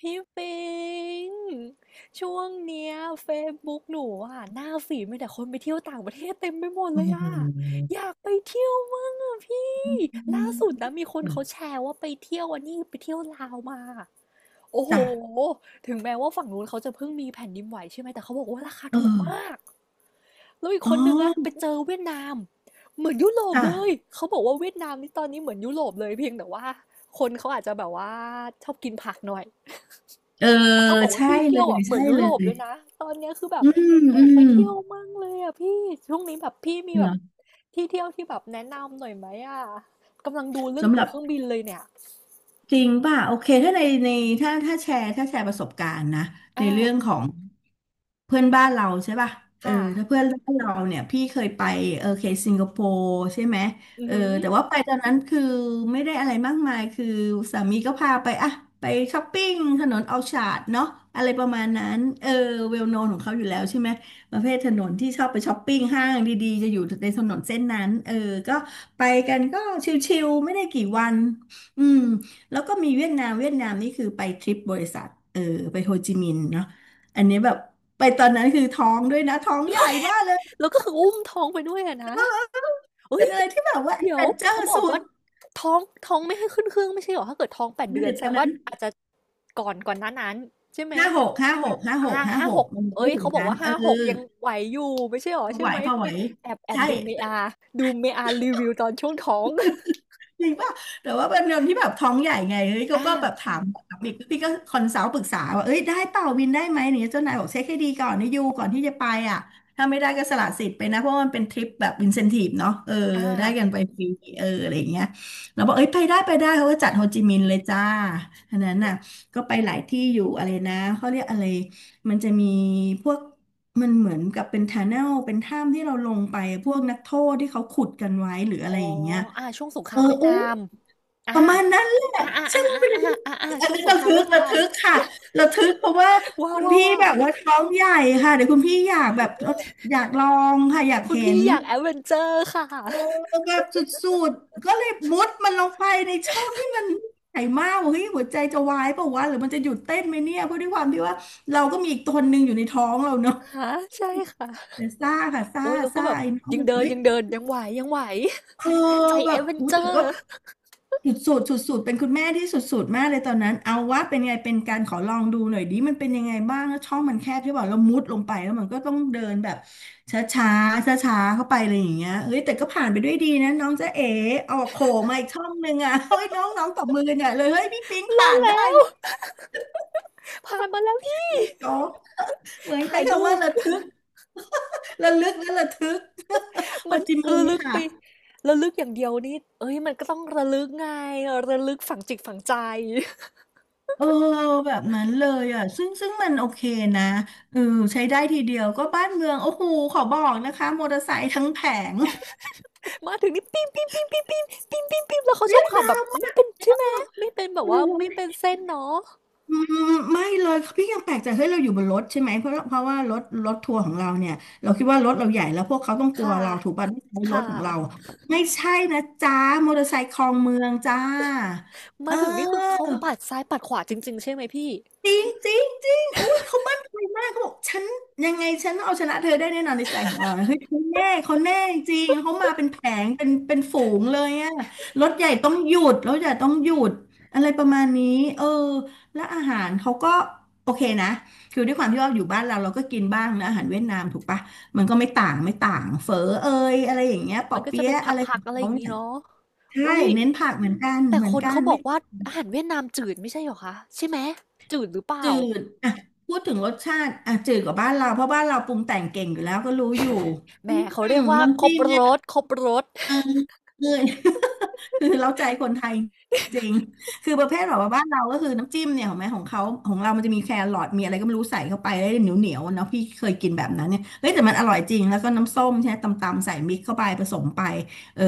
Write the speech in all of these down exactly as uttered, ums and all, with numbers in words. พี่ปิง ช่วงเนี้ย Facebook หนูอ่ะหน้าฝีดมีแต่คนไปเที่ยวต่างประเทศเต็มไปหมดโอ้เลยโอ่ะหอยากไปเที่ยวมั่งอ่ะพี่ล่าสุดนะมีคนเขาแชร์ว่าไปเที่ยวอันนี้ไปเที่ยวลาวมาโอ้โหจ้ะ ถึงแม้ว่าฝั่งนู้นเขาจะเพิ่งมีแผ่นดินไหวใช่ไหมแต่เขาบอกว่าราคาเอถูกอ มากแล้วอีกอ๋อ คนนึงอ่ะไปเจอเวียดนามเหมือนยุโรปจ้ะ เลยเขาบอกว่าเวียดนามนี่ตอนนี้เหมือนยุโรปเลยเพียงแต่ว่าคนเขาอาจจะแบบว่าชอบกินผักหน่อย เออ เขาบอกว่าใช่ที่เลเที่ยวย อ่ะเหมือใช่นยุเลโรปย เลยนะตอนเนี้ยคือแบบอืมออืยากไปมเที่ยวมั่งเลยอ่ะพี่ช่วงนี้แบบพี่มีแบเหรบอที่เที่ยวที่แบบแนะนำหน่อยไหมอ่ะกำลังดูเรื่องสำหตั๋วรับเครื่องบินเลยเนี่ยจริงป่ะ โอเคถ้าในในถ้าถ้าแชร์ถ้าแชร์ประสบการณ์นะในเรื่องอ่าของ เพื่อนบ้านเราใช่ป่ะเออค่ะถ้าเพื่อนบ้านเราเนี่ยพี่เคยไปเออเคสิงคโปร์ใช่ไหมอือเออหือแต่ว่าไปตอนนั้นคือไม่ได้อะไรมากมายคือสามีก็พาไปอะไปช้อปปิ้งถนนเอาชาดเนาะอะไรประมาณนั้นเออเวลโนนของเขาอยู่แล้วใช่ไหมประเภทถนนที่ชอบไปช้อปปิ้งห้างดีๆจะอยู่ในถนนเส้นนั้นเออก็ไปกันก็ชิลๆไม่ได้กี่วันอืมแล้วก็มีเวียดนามเวียดนามนี่คือไปทริปบริษัทเออไปโฮจิมินห์เนาะอันนี้แบบ ไปตอนนั้นคือท้องด้วยนะท้องใหญ่มากเลยแล้วก็คืออุ้มท้องไปด้วยอะนะเฮ้เป็นยอะไรที่แบบว่าเดี๋ยแอดเววนเจอเขาร์บอสุกดว่าท้องท้องไม่ให้ขึ้นเครื่องไม่ใช่เหรอถ้าเกิดท้องแปดเมื่เดืออนเด็กแสตดอนงนั้ว่านอาจจะก่อนก่อนหน้านั้นใช่ไหม ห้าหกห้าหกห้าอาหหกห้าาหหกกมันเอ้ไม่ยถึงเขาบอกนั้นว่าเออห้าถึงหกยังไหวอยู่ไม่ใช่เหรอพอใช่ไหวไหมพอไปไหวแอบแอบใช่ ดู m อาดูเมอารีวิวตอนช่วงท้องจริงป่ะแต่ว่าเป็นคนที่แบบท้องใหญ่ไงเฮ้ยเขาอาก็แบบถามค่ะแบบอีกพี่ก็คอนซัลท์ปรึกษาว่าเอ้ยได้เปล่าวินได้ไหมเนี่ยเจ้านายบอกเช็คให้ดีก่อนนี่ยูก่อนที่จะไปอ่ะถ้าไม่ได้ก็สละสิทธิ์ไปนะ เพราะว่ามันเป็นทริปแบบอินเซนทีฟเนาะเอออาได้กันไปฟรีเอออะไรอย่างเงี้ยเราบอกเอ้ย ไปได้ไปได้เขาก็จัดโฮจิมินห์เลยจ้าอันนั้นน่ะก็ไปหลายที่อยู่อะไรนะเขาเรียกอะไรมันจะมีพวกมันเหมือนกับเป็นทันเนลเป็นถ้ำที่เราลงไปพวกนักโทษที่เขาขุดกันไว้หรืออะอ๋อไรอย่างเงี้ยอาช่วงสงคเอราอมเวียดโอ้ นามอาประมาณนั้นแหอาละๆๆซึ่งมันเป็นอะไรที่ๆๆๆๆอันช่วงนี้สงระครามทึเวีกยดนาระมทึกค่ะระทึกเพราะว่าว้คุณาวพี่แบบๆว่าท้องใหญ่ค่ะเดี๋ยวคุณพี่อยากแบบอยากลองค่ะอยากๆคุณเห็พี่นอยากแอดเวนเชอร์ค่ะอะโอ้แบบสุดๆก็เลยมุดมันลงไปในช่องที่มันใหญ่มากบอกเฮ้ยหัวใจจะวายเปล่าวะหรือมันจะหยุดเต้นไหมเนี่ยเพราะด้วยความที่ว่าเราก็มีอีกตนหนึ่งอยู่ในท้องเราเนาะฮะใช่ค่ะแต่ซ่าค่ะซ่าโอ๊ยเราก็ซ่าแบบไอ้น้องยังมันเดินเฮ้ยยังเดินยังไหวยังไหวเออใจแบแอบดเวนอู้เชอแต่ก็ ร์สุดๆสุดๆเป็นคุณแม่ที่สุดๆมากเลยตอนนั้น เอาว่าเป็นไงเป็นการขอลองดูหน่อยดิมันเป็นยังไงบ้างแล้วช่องมันแคบใช่ป่ะเรามุดลงไปแล้วมันก็ต้องเดินแบบช้าชาช้าช้าๆเข้าไปเลยอย่างเงี้ยเฮ้ยแต่ก็ผ่านไปด้วยดีนะน้องจ๊ะเอ๋เอาโผล่มาอีกช่องหนึ่งอ่ะเฮ้ยน้องน้องตบมือกันใหญ่เลยเฮ้ยพี่ปิ๊งรอผ่าดนได้แล้วเวะผ่านมาแล้วพี่โจ๊กเหมือนถ่าใช้ยคำรูว่าป ระทึก ระลึกและระทึกโฮมันจิมิระนลึห์กไปค่ะ ระลึกอย่างเดียวนี่เอ้ยมันก็ต้องระลึกไงระลึกฝังจิตฝังใจ เออแบบนั้นเลยอ่ะซึ่งซึ่งมันโอเคนะเออใช้ได้ทีเดียวก็บ้านเมืองโอ้โหขอบอกนะคะมอเตอร์ไซค์ทั้งแผง มาถึงนี่ปิ้มปิ้มปิ้มปิ้มปิ้มปิ้มปิ้มปิ้มแล้วเขาชเวีอยบดขับนาแบบมไม่เป็นเอใช่ไหม่ไม่เป็นแบเอบว่าไม่เป็อนเส้นเนาะอืมไม่เลยพี่ยังแปลกใจเฮ้ยเราอยู่บนรถใช่ไหมเพราะเพราะว่ารถรถทัวร์ของเราเนี่ยเราคิดว่ารถเราใหญ่แล้วพวกเขาต้องกลัวค่ะเราถูกป่ะไม่ใช่รค่ะถของเราไม่ใช่นะจ้ามอเตอร์ไซค์คลองเมืองจ้าเมาถึงนี่คือเขาออ ปัดซ้ายปัดขวาจริงๆใช่ไหมพี่จริงจริงจริงอุ้ยเขามั่นใจมากเขาบอกฉันยังไงฉันต้องเอาชนะเธอได้แน่นอนในใจของเรานะเฮ้ยเขาแน่เขาแน่จริงเขามาเป็นแผงเป็นเป็นฝูงเลยอะรถใหญ่ต้องหยุดรถใหญ่ต้องหยุดอะไรประมาณนี้เออและอาหารเขาก็โอเคนะคือด้วยความที่ว่าอยู่บ้านเราเราก็กินบ้างนะอาหารเวียดนามถูกปะมันก็ไม่ต่างไม่ต่างเฝอเอยอะไรอย่างเงี้ยปมัอนก็จะเปี๊เป็ยะนอะไรขผัอกงๆอะไรอเขาย่างเนี่งี้ยเนาะใช่เอ้ยเน้นผักเหมือนกันแต่เหมือคนนกันเขาบอไม่ กว่าอาหารเวียดนามจืดไม่ใช่เหรอคะใช่ไหมจืดหรือเปล่าจืดอ่ะพูดถึงรสชาติอ่ะจืดกว่าบ้านเราเพราะบ้านเราปรุงแต่งเก่งอยู่แล้วก็รู้อยู่แหมเขาอืเรียมกว่าน้ำครจิ้บมเนี่รยสครบรส เออเออ คือเราใจคนไทยจริง คือประเภทแบบว่าบ้านเราก็คือน้ำจิ้มเนี่ยของแม่ของเขาของเรามันจะมีแครอทมีอะไรก็ไม่รู้ใส่เข้าไปแล้วเหนียวเหนียวเนาะพี่เคยกินแบบนั้นเนี่ยเฮ้ยแต่มันอร่อยจริงแล้วก็น้ำส้มใช่ไหมตำๆใส่มิกเข้าไปผสมไปเออ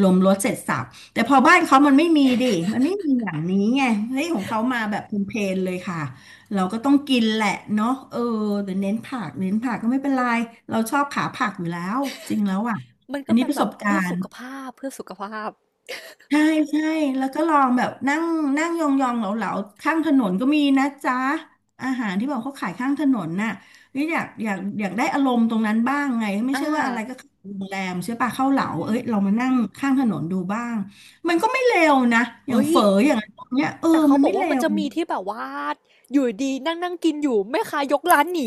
รวมรสเสร็จสรรพแต่พอบ้านเขามันไม่มีดิมันไม่มีอย่างนี้ไงเฮ้ยของเขามาแบบเพลนๆเลยค่ะเราก็ต้องกินแหละเนาะเออแต่เน้นผักเน้นผักก็ไม่เป็นไรเราชอบขาผักอยู่แล้วจริงแล้วอ่ะมันอัก็นนี้เป็นประแบสบบกาเพื่อรสุณ์ ขภาพเพื่อสุขภาพใช่ใช่แล้วก็ลองแบบนั่งนั่งยองๆเหลาๆข้างถนนก็มีนะจ๊ะอาหารที่บอกเขาขายข้างถนนน่ะนี่อยากอยากอยากได้อารมณ์ตรงนั้นบ้างไงไม่อาใช่ว่าอะไรก็เข้าโรงแรมใช่ปะเข้าเหลาอืเอ้มยเรามานั่งข้างถนนดูบ้างมันก็ไม่เลวนะอย่างเฮ้ยเฝออย่างอะไรพวกเนี้ยเออแต่เขามันบอกไม่ว่าเลมันวจะมีที่แบบว่าอยู่ดีๆนั่งๆกินอยู่แม่ค้ายกร้านหนี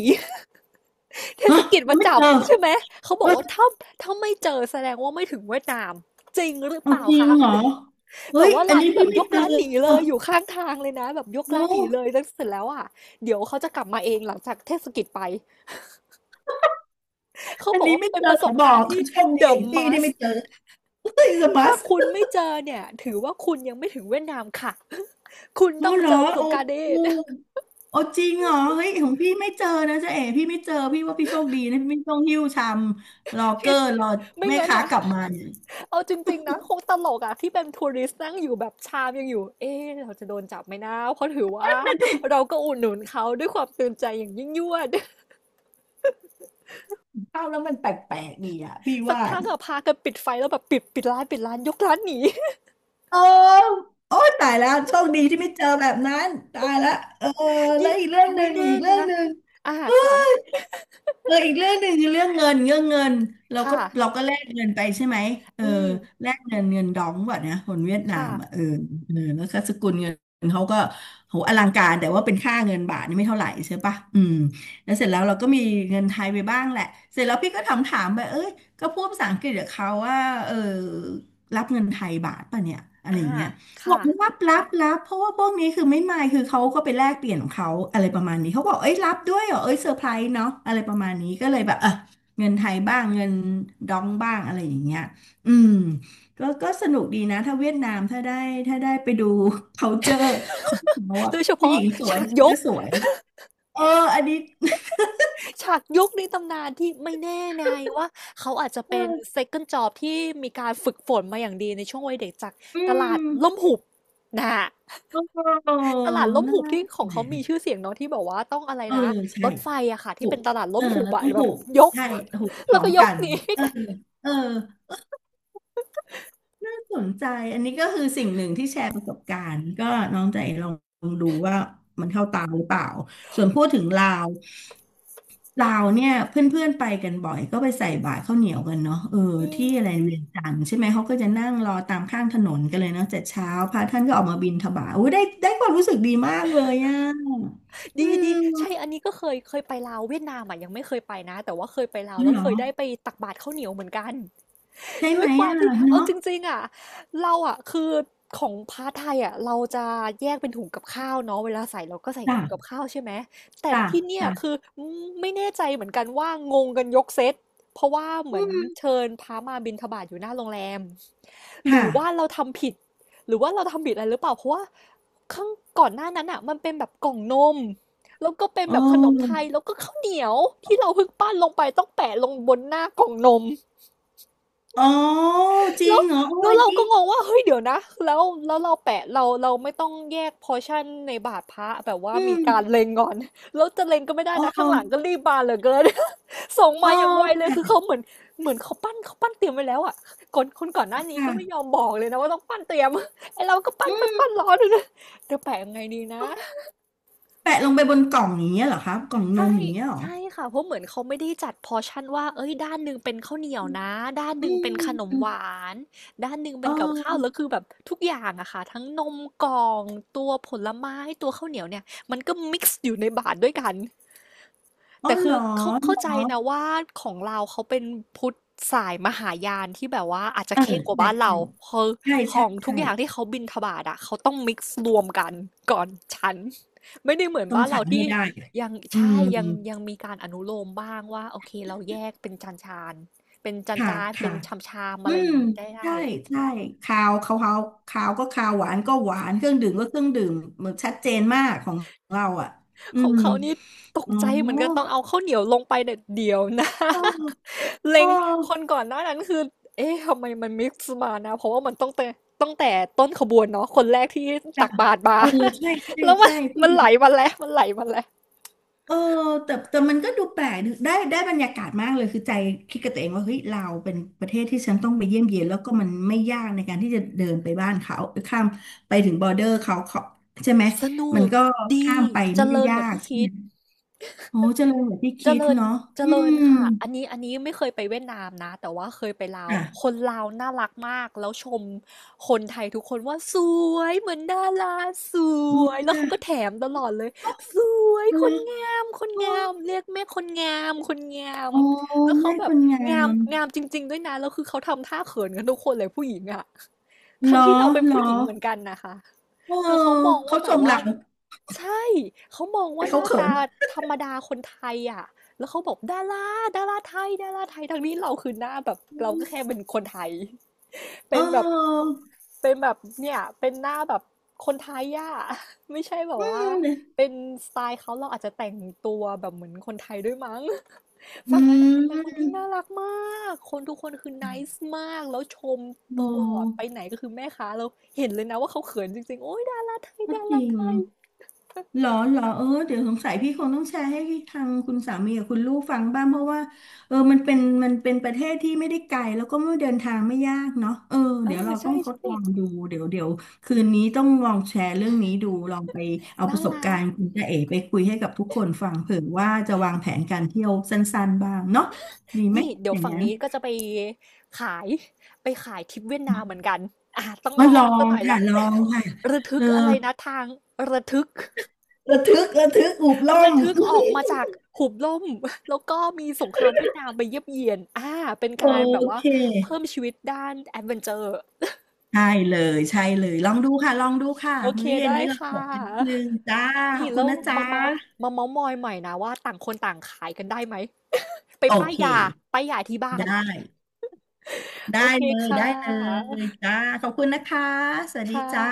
เทเฮ้ศยกิจยัมางไม่จัเจบอใช่ไหมเขาบอเฮ้กยว่าถ้าถ้าไม่เจอแสดงว่าไม่ถึงเวียดนามจริงหรือเปเอาล่าจริงคะเหรอเฮ้แบบยว่าอันร้านนี้ที่แบพี่บยไม่กเจอร้านหนีเลยอยู่ข้างทางเลยนะแบบยกร้าโอ้นหนีเลยแล้วเสร็จแล้วอะเดี๋ยวเขาจะกลับมาเองหลังจากเทศกิจไปเขาอับนอกนี้ว่าไม่เป็นเจอประสขอบบอการก ณ์ที่ โชคดี The อย่างพี่ที่ไม่ must เจอเฮ้ยสมัถ้าส คุณไม่เจอเนี่ยถือว่าคุณยังไม่ถึงเวียดนามค่ะ คุณอ๋อต้องเหรเจออประสโอ้บการณ์นี้ โหโอ้จริงเหรอเฮ้ยของพี่ไม่เจอนะจ๊ะเอ๋พี่ไม่เจอพี่ว่าพี่โชคดีนะพี่ไม่ต้องหิ้วชามรอเกอร์รอ ไม่แม่งั้นค้าน่ะกลับมาเนี่ยเอาจริงๆนะคงตลกอะที่เป็นทัวริสต์นั่งอยู่แบบชามยังอยู่เอ๊ะเราจะโดนจับไหมนะเพราะถือว่าเราก็อุดหนุนเขาด้วยความตื่นใจอย่างยิ่งยวด เข้าแล้วมันแปลกๆดีอ่ะพี่ สักว่าพักอะพากันปิดไฟแล้วแบบปิดปิดร้านปิดร้านยกร้านหนี เออโอ้ยตายแล้วโชคดีที่ไม่เจอแบบนั้นตายละเออ แล้ยิ่วงอีกเรื่องหนึ่ไม่งอีแน่กเรื่องนะหนึ่ง อ่าค่ะเอออีกเรื่องหนึ่งคือเรื่องเงินเรื่องเงินเราก็ค่ะเราก็แลกเงินไปใช่ไหมเอออืมแลกเงินเงินดองว่ะนะคนเวียดนาค่ะมอ่ะเออเออแล้วก็สกุลเงินเขาก็โหอลังการแต่ว่าเป็นค่าเงินบาทนี่ไม่เท่าไหร่ใช่ปะอืมแล้วเสร็จแล้วเราก็มีเงินไทยไปบ้างแหละเสร็จแล้วพี่ก็ถามถามไปเอ้ยก็พูดภาษาอังกฤษกับเขาว่าเออรับเงินไทยบาทป่ะเนี่ยอะไรอ่าอย่างเงี้ย บค่ะอกรับรับรับเพราะว่าพวกนี้คือไม่มายคือเขาก็ไปแลกเปลี่ยนของเขาอะไรประมาณนี้เขาบอกเอ้ยรับด้วยเหรอเอ้ยเซอร์ไพรส์เนาะอะไรประมาณนี้ก็เลยแบบเออเงินไทยบ้างเงินดองบ้างอะไรอย่างเงี้ยอืมก็ก็สนุกดีนะถ้าเวียดนามถ้าได้ถ้าได้ไปดู culture ของเขาอะโดยเฉผู้หพาะญิงสวยฉากยก็ก สวยเอออันนี้ ฉากยุคในตำนานที่ไม่แน่นายว่าเขาอาจจะเป็น second job ที่มีการฝึกฝนมาอย่างดีในช่วงวัยเด็กจากอืตลามดล่มหุบนะฮะโอ้ตลาดล่มน่าหุบแหลที่ของเขามีชื่อะเสียงเนาะที่บอกว่าต้องอะไรเออนะใช่ รถไฟอะค่ะที่ผูเป็กนตลาดเอล่มอหุบเราอะต้องแบผูบกยก ใช่ผูกพ แล้ร้วอก็มยกักนหนีเออนเออน่าสนใจอันนี้ก็คือสิ่งหนึ่งที่แชร์ประสบการณ์ก็น้องใจลองดูว่ามันเข้าตาหรือเปล่าส่วนพูดถึงลาวลาวเนี่ยเพื่อนๆไปกันบ่อยก็ไปใส่บาตรข้าวเหนียวกันเนาะเอออืที่มอะไรเวียงจันทร์ใช่ไหมเขาก็จะนั่งรอตามข้างถนนกันเลยเนาะแต่เช้าพระท่านก็ออกมาบิณฑบาตโอ้ยได้ได้ความรู้สึกดีมากเลยอ่ะอืดีดีใช่มอันนี้ก็เคยเคยไปลาวเวียดนามอะยังไม่เคยไปนะแต่ว่าเคยไปลาวอ๋อแล้วเหรอเคยได้ไปตักบาตรข้าวเหนียวเหมือนกัน ใช่ ด้ไหวมยความอ่ะที่เอาจเนาะริงๆอ่ะเราอ่ะคือของพาร์ทไทยอ่ะเราจะแยกเป็นถุงกับข้าวเนาะเวลาใส่เราก็ใส่จ้ะ ถุงกับข้าวใช่ไหมแต่จ้ะที่เนี่ยจ้ะคือไม่แน่ใจเหมือนกันว่างงกันยกเซตเพราะว่าเหอืมือนมเชิญพระมาบิณฑบาตอยู่หน้าโรงแรมหรือว่าค่ะเราทำผิดหรือว่าเราทำผิดอะไรหรือเปล่าเพราะว่าข้างก่อนหน้านั้นอ่ะมันเป็นแบบกล่องนมแล้วก็เป็นอ๋แบบขนมไทอยแล้วก็ข้าวเหนียวที่เราเพิ่งปั้นลงไปต้องแปะลงบนหน้ากล่องนม อ๋อจริแล้วงเหรอโอ้แล้วอันเรานี้ก็งงว่าเฮ้ยเดี๋ยวนะแล้วแล้วเราแปะเราเราไม่ต้องแยกพอร์ชั่นในบาทพระแบบว่าอืมีมการเล็งก่อน แล้วจะเล็งก็ไม่ได้อ๋นะอข้างหลังก็รีบมาเหลือเกิน ส่งอ๋มาออย่างไวเลยแปะคือเขาเหมือนเหมือนเขาปั้นเขาปั้นเตรียมไว้แล้วอ่ะคนคนก่อนหน้านี้ก็ไม่ยอค่ะมบอกเลยนะว่าต้องปั้นเตรียม ไอเราก็ปั้อืนไปมปั้นร้อนเลยนะเดี๋ยวแปะยังไงดีนะ แปะลงไปบนกล่องอย่างเงี้ยเหรอคะกล่องนใช่มอย่างเงี้ยเหรอใช่ค่ะเพราะเหมือนเขาไม่ได้จัดพอร์ชั่นว่าเอ้ยด้านหนึ่งเป็นข้าวเหนียวนะด้านหอืนึ่งเป็นขมนมเออหวานด้านหนึ่งเป็นกับข้าวแล้อวคือแบบทุกอย่างอะค่ะทั้งนมกล่องตัวผลไม้ตัวข้าวเหนียวเนี่ยมันก็มิกซ์อยู่ในบาตรด้วยกัน ๋อแต่เหคืรออเขาเข้าเหรใจอ นะว่าของเราวเขาเป็นพุทธสายมหายานที่แบบว่าอาจจะเค่งกว่าใช่บ้านเราใช่คือใช่ขใช่องทุกใช่อย่างที่เขาบิณฑบาตอะเขาต้องมิกซ์รวมกันก่อนฉันไม่ได้เหมือนต้องบ้านฉัเรานให้ที่ได้ยังอืใช่มยังยังมีการอนุโลมบ้างว่าโอเคเราแยกเป็นจานจานเป็นจานค่ะจานเป็ค่ะ นชามชามอือะไรอมย่างนี้ได้ได้ ใช่ใช่คาวเขาเขาคาวก็คาวหวานก็หวานเครื่องดื่มก็เครื่องดื่มเหมือนชัดเจนมากของเราอ่ะอืของมเขานี่ตกอ๋อใจเหมือนกันต้องเอาข้าวเหนียวลงไปเด็ดเดียวนะ เออ เอเล็องคนก่อนหน้านั้นคือ เอ๊ะทำไมมันมิกซ์มานะ เพราะว่ามันต้องแต่ตั้งแต่ต้นขบวนเนาะคนแรกที่ตัจ้ะกบาตรมา เออใช่ ใช่แล้วมันใช่พี่มันดูไหลมาแล้ว มันไหลมาแล้ว เออแต่แต่มันก็ดูแปลกดูได้ได้บรรยากาศมากเลยคือใจคิดกับตัวเองว่าเฮ้ยเราเป็นประเทศที่ฉันต้องไปเยี่ยมเยียนแล้วก็มันไม่ยากในการที่จะเดินไปบ้านเขาข้ามไปถึงบอร์เดอร์เขาเขาใช่ไหมสนุมันกก็ดีข้ามไปเจไม่ได้ริญกยาว่ากที่ใช่คิไหม ด โอ้เจริญกว่าที่เจคิดริญเนาะเจอืริญมค่ะอันนี้อันนี้ไม่เคยไปเวียดนามนะแต่ว่าเคยไปลาวอ่ะคนลาวน่ารักมากแล้วชมคนไทยทุกคนว่าสวยเหมือนดาราสโอ้วยแล้วจ้ะเขาก็แถมตลอดเลยสวยเอาคละนงามคนโอ้งามเรียกแม่คนงามคนงามโอ้แล้วเขาแม่แบคบนงางามมงามจริงๆด้วยนะแล้วคือเขาทำท่าเขินกันทุกคนเลยผู้หญิงอะเหรทั้งอที่เราเป็นเหรอผู้หญิงเหมือนกันนะคะ เออคือเขามองเขาว่าชแบบมว่าเราใช่เขามองแต่ว่าหเขาน้าเขิตานธรรมดาคนไทยอ่ะแล้วเขาบอกดาราดาราไทยดาราไทยทั้งนี้เราคือหน้าแบบเราก็แค่เป็นคนไทย เเป็นแบบออเป็นแบบเนี่ยเป็นหน้าแบบคนไทยอ่ะ ไม่ใช่แบบอืว่าม เป็นสไตล์เขาเราอาจจะแต่งตัวแบบเหมือนคนไทยด้วยมั้ง อืฝั่งนั้นคือเป็นคนที่ม น่ารักมาก คนทุกคนคือ nice มากแล้วชมตโอ้ลอดไปไหนก็คือแม่ค้าเราเห็นเลยนะว่าเขาเขินจริงๆโอ้ยดาราไทยก็ดาจราริง ไทยหรอหรอเออเดี๋ยวสงสัยพี่คงต้องแชร์ให้ทางคุณสามีกับคุณลูกฟังบ้างเพราะว่าเออมันเป็นมันเป็นประเทศที่ไม่ได้ไกลแล้วก็ไม่เดินทางไม่ยากเนาะเออเอเดี๋อยวเราต้ใช่องทดใช่ลองดูเดี๋ยวเดี๋ยวคืนนี้ต้องลองแชร์เรื่องนี้ดูลองไปเอาปน่าระสบรักาก รณ์คุณจ๊ะเอ๋ไปคุยให้กับทุกคนฟังเผื่อว่าจะวางแผนการเที่ยวสั้นๆบ้างเนาะดีไหมนี่เดี๋ยอวย่างฝั่งนั้นนี้ก็จะไปขายไปขายทริปเวียดนามเหมือนกันอ่ะต้องมาลอลงอซะงหน่อยค่ะละลองค่ะระทึเอกออะไรนะทางระทึกระทึกระทึกอุบล่อง ระ ทึกออกมาจากหุบล่มแล้วก็มีสงครามเวียดนามไปเยียบเยียนอ่าเป็นโอการแบบว่าเค เพิ่มชีวิตด้านแอดเวนเจอร์ ใช่เลยใช่เลยลองดูค่ะลองดูค่ะโอเคมื้อเย็นได้นี้เราค่ถกกันนิดนึะ งจ้าขนี่อบคุแล้ณวนะจ๊ะมาเมาส์มาเมาส์มอยใหม่นะว่าต่างคนต่างขายกันได้ไหม ไปโอป้ายเคยาป้ายยาที่บ้าได้นโอได้เคเลยค่ได้เละยจ้าขอบคุณนะคะสวัสดีค่ะจ้า